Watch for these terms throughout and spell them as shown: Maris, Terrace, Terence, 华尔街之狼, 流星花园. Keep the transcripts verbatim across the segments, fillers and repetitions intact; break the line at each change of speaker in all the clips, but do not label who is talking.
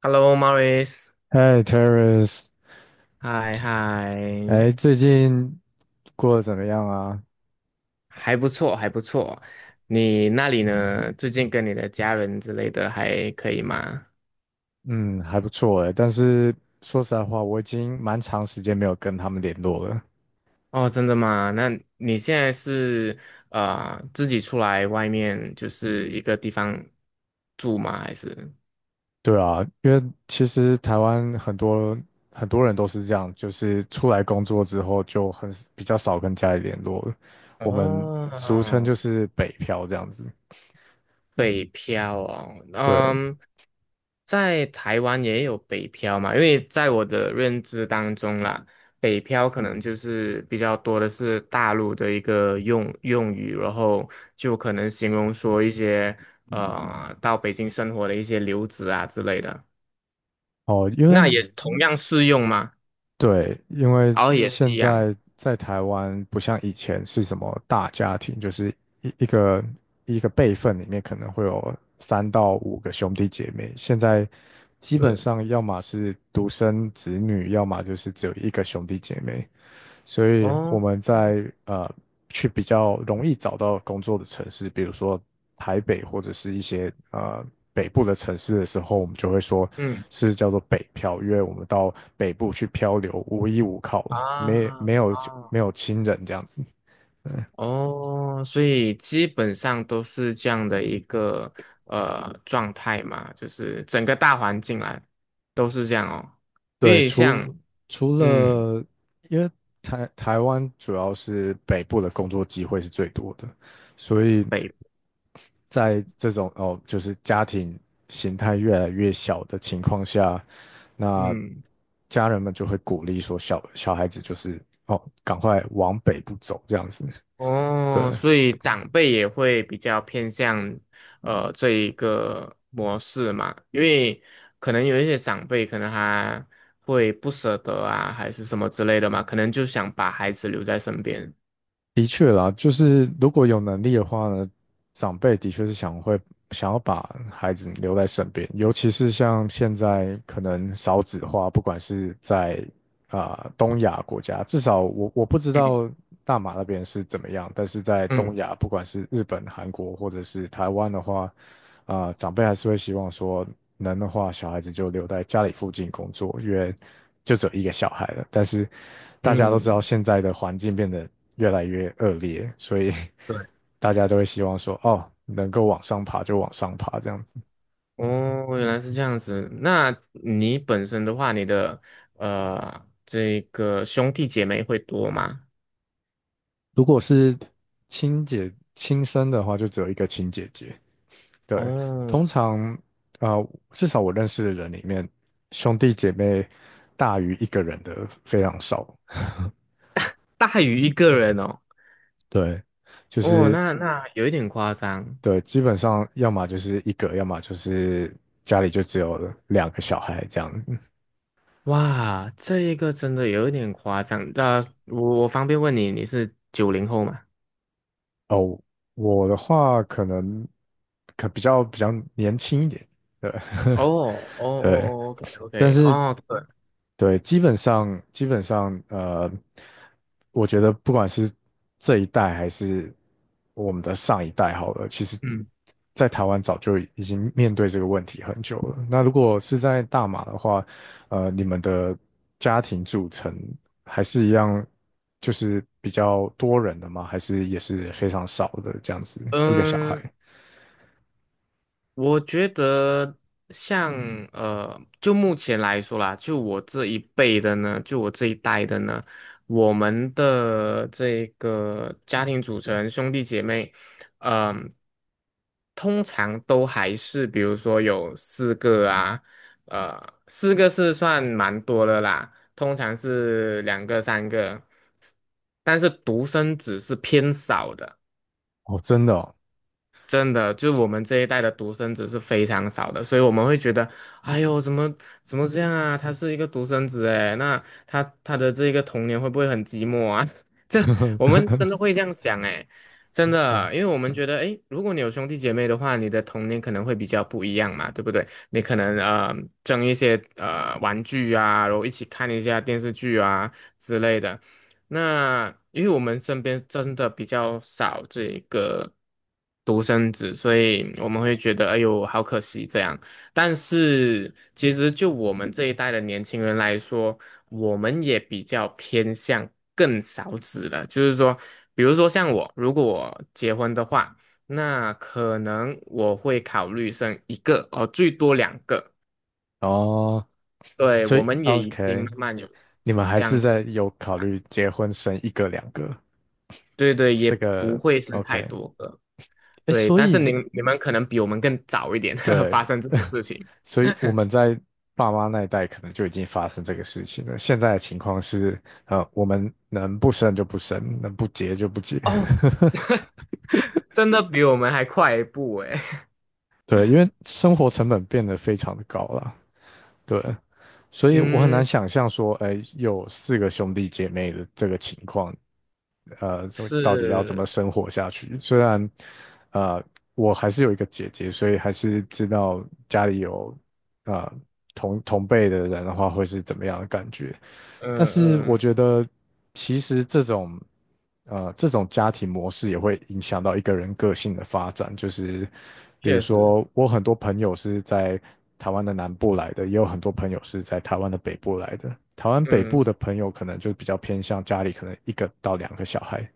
Hello, Maris，
嗨，Terrace，
嗨嗨，
哎，最近过得怎么样啊？
还不错，还不错。你那里呢？最近跟你的家人之类的还可以吗？
嗯，还不错哎，但是说实在话，我已经蛮长时间没有跟他们联络了。
哦，真的吗？那你现在是呃自己出来外面就是一个地方住吗？还是？
对啊，因为其实台湾很多很多人都是这样，就是出来工作之后就很比较少跟家里联络了，我们俗称
哦，
就是北漂这样子。
北漂哦，
对，
嗯，在台湾也有北漂嘛，因为在我的认知当中啦，北漂可能就是比较多的是大陆的一个用用语，然后就可能形容说一些呃到北京生活的一些留子啊之类的，
哦，因为
那也嗯同样适用吗？
对，因为
然后也嗯是
现
一样，
在在台湾不像以前是什么大家庭，就是一一个一个辈分里面可能会有三到五个兄弟姐妹，现在基本
对，
上要么是独生子女，要么就是只有一个兄弟姐妹。所以我
哦，
们
嗯
在呃去比较容易找到工作的城市，比如说台北或者是一些呃北部的城市的时候，我们就会说
嗯
是叫做北漂，因为我们到北部去漂流，无依无靠，没
啊
没有
啊。
没有亲人这样子。
哦，所以基本上都是这样的一个呃状态嘛，就是整个大环境来都是这样哦，因
对，
为像
除除
嗯
了因为台台湾主要是北部的工作机会是最多的，所以
北
在这种哦，就是家庭形态越来越小的情况下，那
嗯
家人们就会鼓励说小小孩子就是哦，赶快往北部走这样子。对，
哦，所以长辈也会比较偏向呃这一个模式嘛，因为可能有一些长辈可能还会不舍得啊，还是什么之类的嘛，可能就想把孩子留在身边。
的确啦，就是如果有能力的话呢，长辈的确是想会想要把孩子留在身边，尤其是像现在可能少子化，不管是在啊、东亚国家，至少我我不知
嗯
道大马那边是怎么样，但是在东
嗯
亚，不管是日本、韩国或者是台湾的话，啊、长辈还是会希望说能的话，小孩子就留在家里附近工作，因为就只有一个小孩了，但是。大家都知道
嗯，
现在的环境变得越来越恶劣，所以
对。
大家都会希望说，哦，能够往上爬就往上爬这样子。
哦，原来是这样子。那你本身的话，你的呃这个兄弟姐妹会多吗？
如果是亲姐亲生的话，就只有一个亲姐姐。对，
哦，
通常啊、呃至少我认识的人里面，兄弟姐妹大于一个人的非常少。
大于一个人哦。
对，就
哦，
是
那那有一点夸张。
对，基本上要么就是一个，要么就是家里就只有两个小孩这样子。
哇，这一个真的有一点夸张。那、我我方便问你，你是九零后吗？
哦，我的话可能可比较比较年轻一点，对，
哦哦哦
对，
哦，OK
但
OK，
是
哦对，
对，基本上基本上呃，我觉得不管是这一代还是我们的上一代好了，其实
嗯
在台湾早就已经面对这个问题很久了。那如果是在大马的话，呃，你们的家庭组成还是一样，就是比较多人的吗？还是也是非常少的这样子一个小孩？
嗯，我觉得像嗯呃，就目前来说啦，就我这一辈的呢，就我这一代的呢，我们的这个家庭组成兄弟姐妹，嗯、通常都还是比如说有四个啊，呃，四个是算蛮多的啦，通常是两个三个，但是独生子是偏少的。
哦，真的哦，
真的，就我们这一代的独生子是非常少的，所以我们会觉得，哎呦，怎么怎么这样啊？他是一个独生子，哎，那他他的这个童年会不会很寂寞啊？这我们真的会 这样想，哎，真
嗯，
的，因为我们觉得，哎，如果你有兄弟姐妹的话，你的童年可能会比较不一样嘛，对不对？你可能呃争一些呃玩具啊，然后一起看一下电视剧啊之类的。那因为我们身边真的比较少这个独生子，所以我们会觉得哎呦好可惜这样。但是其实就我们这一代的年轻人来说，我们也比较偏向更少子了。就是说，比如说像我，如果我结婚的话，那可能我会考虑生一个哦，最多两个。
哦，
对，
所
我
以
们也已经
OK。
慢慢有
你们还
这
是
样子，
在有考虑结婚生一个两个，
对对，也
这
不
个
会生太
OK，
多个。
哎，
对，
所
但是
以
你你们可能比我们更早一点
对，
发生这 些事情
所以我们在爸妈那一代可能就已经发生这个事情了。现在的情况是，呃，我们能不生就不生，能不结就不结。
哦，真的比我们还快一步诶。
对，因为生活成本变得非常的高了，对，所以我很难
嗯，
想象说，哎，有四个兄弟姐妹的这个情况，呃，所到底要怎么
是，
生活下去？虽然，呃，我还是有一个姐姐，所以还是知道家里有，啊同同辈的人的话会是怎么样的感觉。
嗯
但是我
嗯，
觉得其实这种呃这种家庭模式也会影响到一个人个性的发展，就是比如
确实，
说我很多朋友是在台湾的南部来的，也有很多朋友是在台湾的北部来的。台湾北部
嗯，
的朋友可能就比较偏向家里可能一个到两个小孩，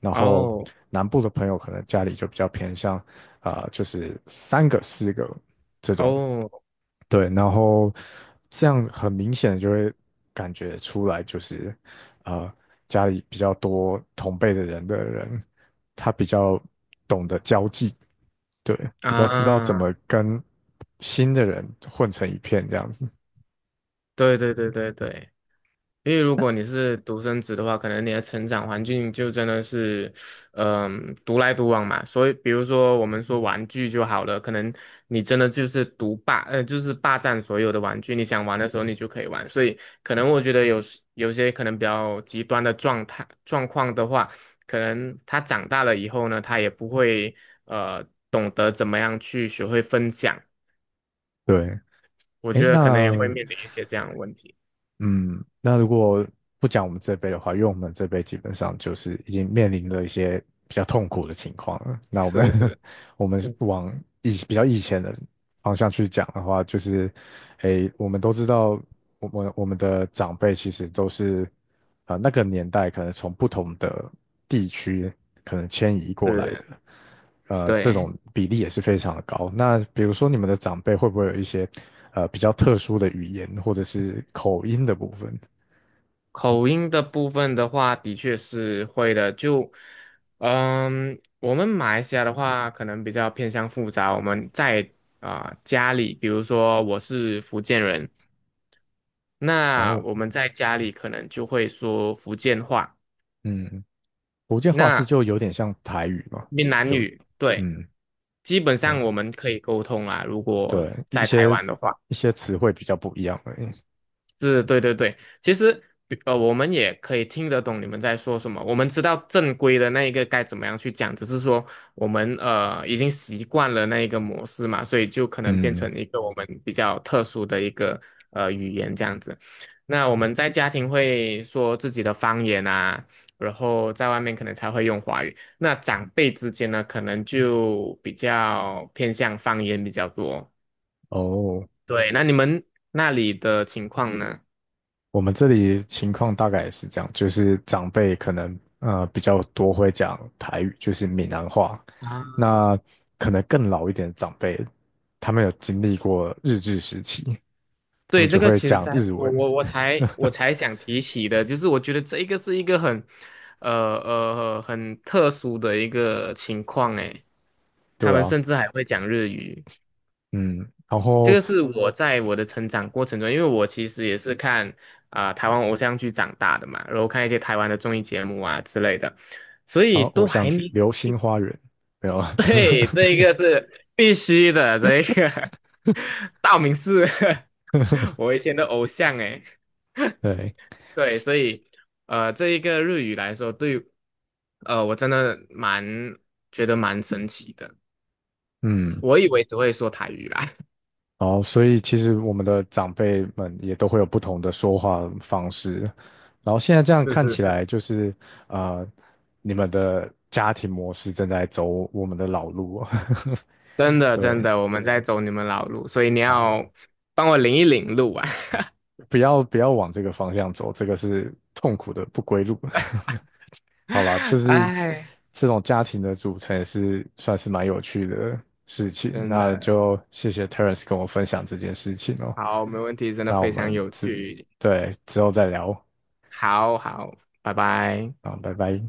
然后
哦
南部的朋友可能家里就比较偏向啊、呃就是三个四个这种
哦
对，然后这样很明显的就会感觉出来，就是呃，家里比较多同辈的人的人，他比较懂得交际，对，比较知道怎
啊，
么跟新的人混成一片这样子。
对对对对对，因为如果你是独生子的话，可能你的成长环境就真的是，嗯、独来独往嘛。所以，比如说我们说玩具就好了，可能你真的就是独霸，呃，就是霸占所有的玩具，你想玩的时候你就可以玩。所以，可能我觉得有时有些可能比较极端的状态状况的话，可能他长大了以后呢，他也不会呃懂得怎么样去学会分享。
对，
我
诶，
觉得可能也会
那
面临一些这样的问题。
嗯，那如果不讲我们这辈的话，因为我们这辈基本上就是已经面临了一些比较痛苦的情况了。那我们
是是，
我们
嗯
往以比较以前的方向去讲的话，就是，诶，我们都知道，我们我们的长辈其实都是，啊、那个年代可能从不同的地区可能迁移过来的。
是，
呃，这
对。
种比例也是非常的高。那比如说你们的长辈会不会有一些呃比较特殊的语言或者是口音的部分？
口音的部分的话，的确是会的。就，嗯，我们马来西亚的话，可能比较偏向复杂。我们在啊、家里，比如说我是福建人，
然
那
后
我们在家里可能就会说福建话，
嗯，福建话是
那
就有点像台语嘛，
闽南
就
语，对，
嗯
基本上
哦
我们可以沟通啦。如果
对，一
在台
些
湾的话。
一些词汇比较不一样而已。
是，对对对，其实比呃，我们也可以听得懂你们在说什么，我们知道正规的那一个该怎么样去讲，只是说我们呃已经习惯了那一个模式嘛，所以就可能变
嗯
成一个我们比较特殊的一个呃语言这样子。那我们在家庭会说自己的方言啊，然后在外面可能才会用华语。那长辈之间呢，可能就比较偏向方言比较多。
哦，
对，那你们那里的情况呢？
我们这里情况大概也是这样，就是长辈可能呃比较多会讲台语，就是闽南话。
啊。
那可能更老一点的长辈，他们有经历过日治时期，他
对，
们
这
就
个
会
其实
讲
才
日
我
文。
我我才我 才想提起的，就是我觉得这一个是一个很，呃呃很特殊的一个情况诶，他
对
们
啊，
甚至还会讲日语，
嗯，然
这
后
个是我在我的成长过程中，因为我其实也是看啊、台湾偶像剧长大的嘛，然后看一些台湾的综艺节目啊之类的，所
然
以
后偶
都
像
还
剧
没
《流星花园》没有 啊？
对，这一个是必须的，这一个 道明寺 我以前的偶像诶。
对，
对，所以呃，这一个日语来说，对，呃，我真的蛮觉得蛮神奇的。
嗯。
我以为只会说台语啦，
然后所以其实我们的长辈们也都会有不同的说话方式。然后现在这 样
是
看
是
起
是，
来，就是呃，你们的家庭模式正在走我们的老路哦。
真 的真
对，
的，我们在走你们老路，所以你
好。
要帮我领一领路啊！
不要不要往这个方向走，这个是痛苦的不归路。好啦，就 是
哎，
这种家庭的组成也是算是蛮有趣的事情。
真
那
的
就谢谢 Terence 跟我分享这件事情哦。
好，没问题，真的
那我
非常
们
有
之
趣，
对之后再聊
好好，拜拜。
啊，拜拜。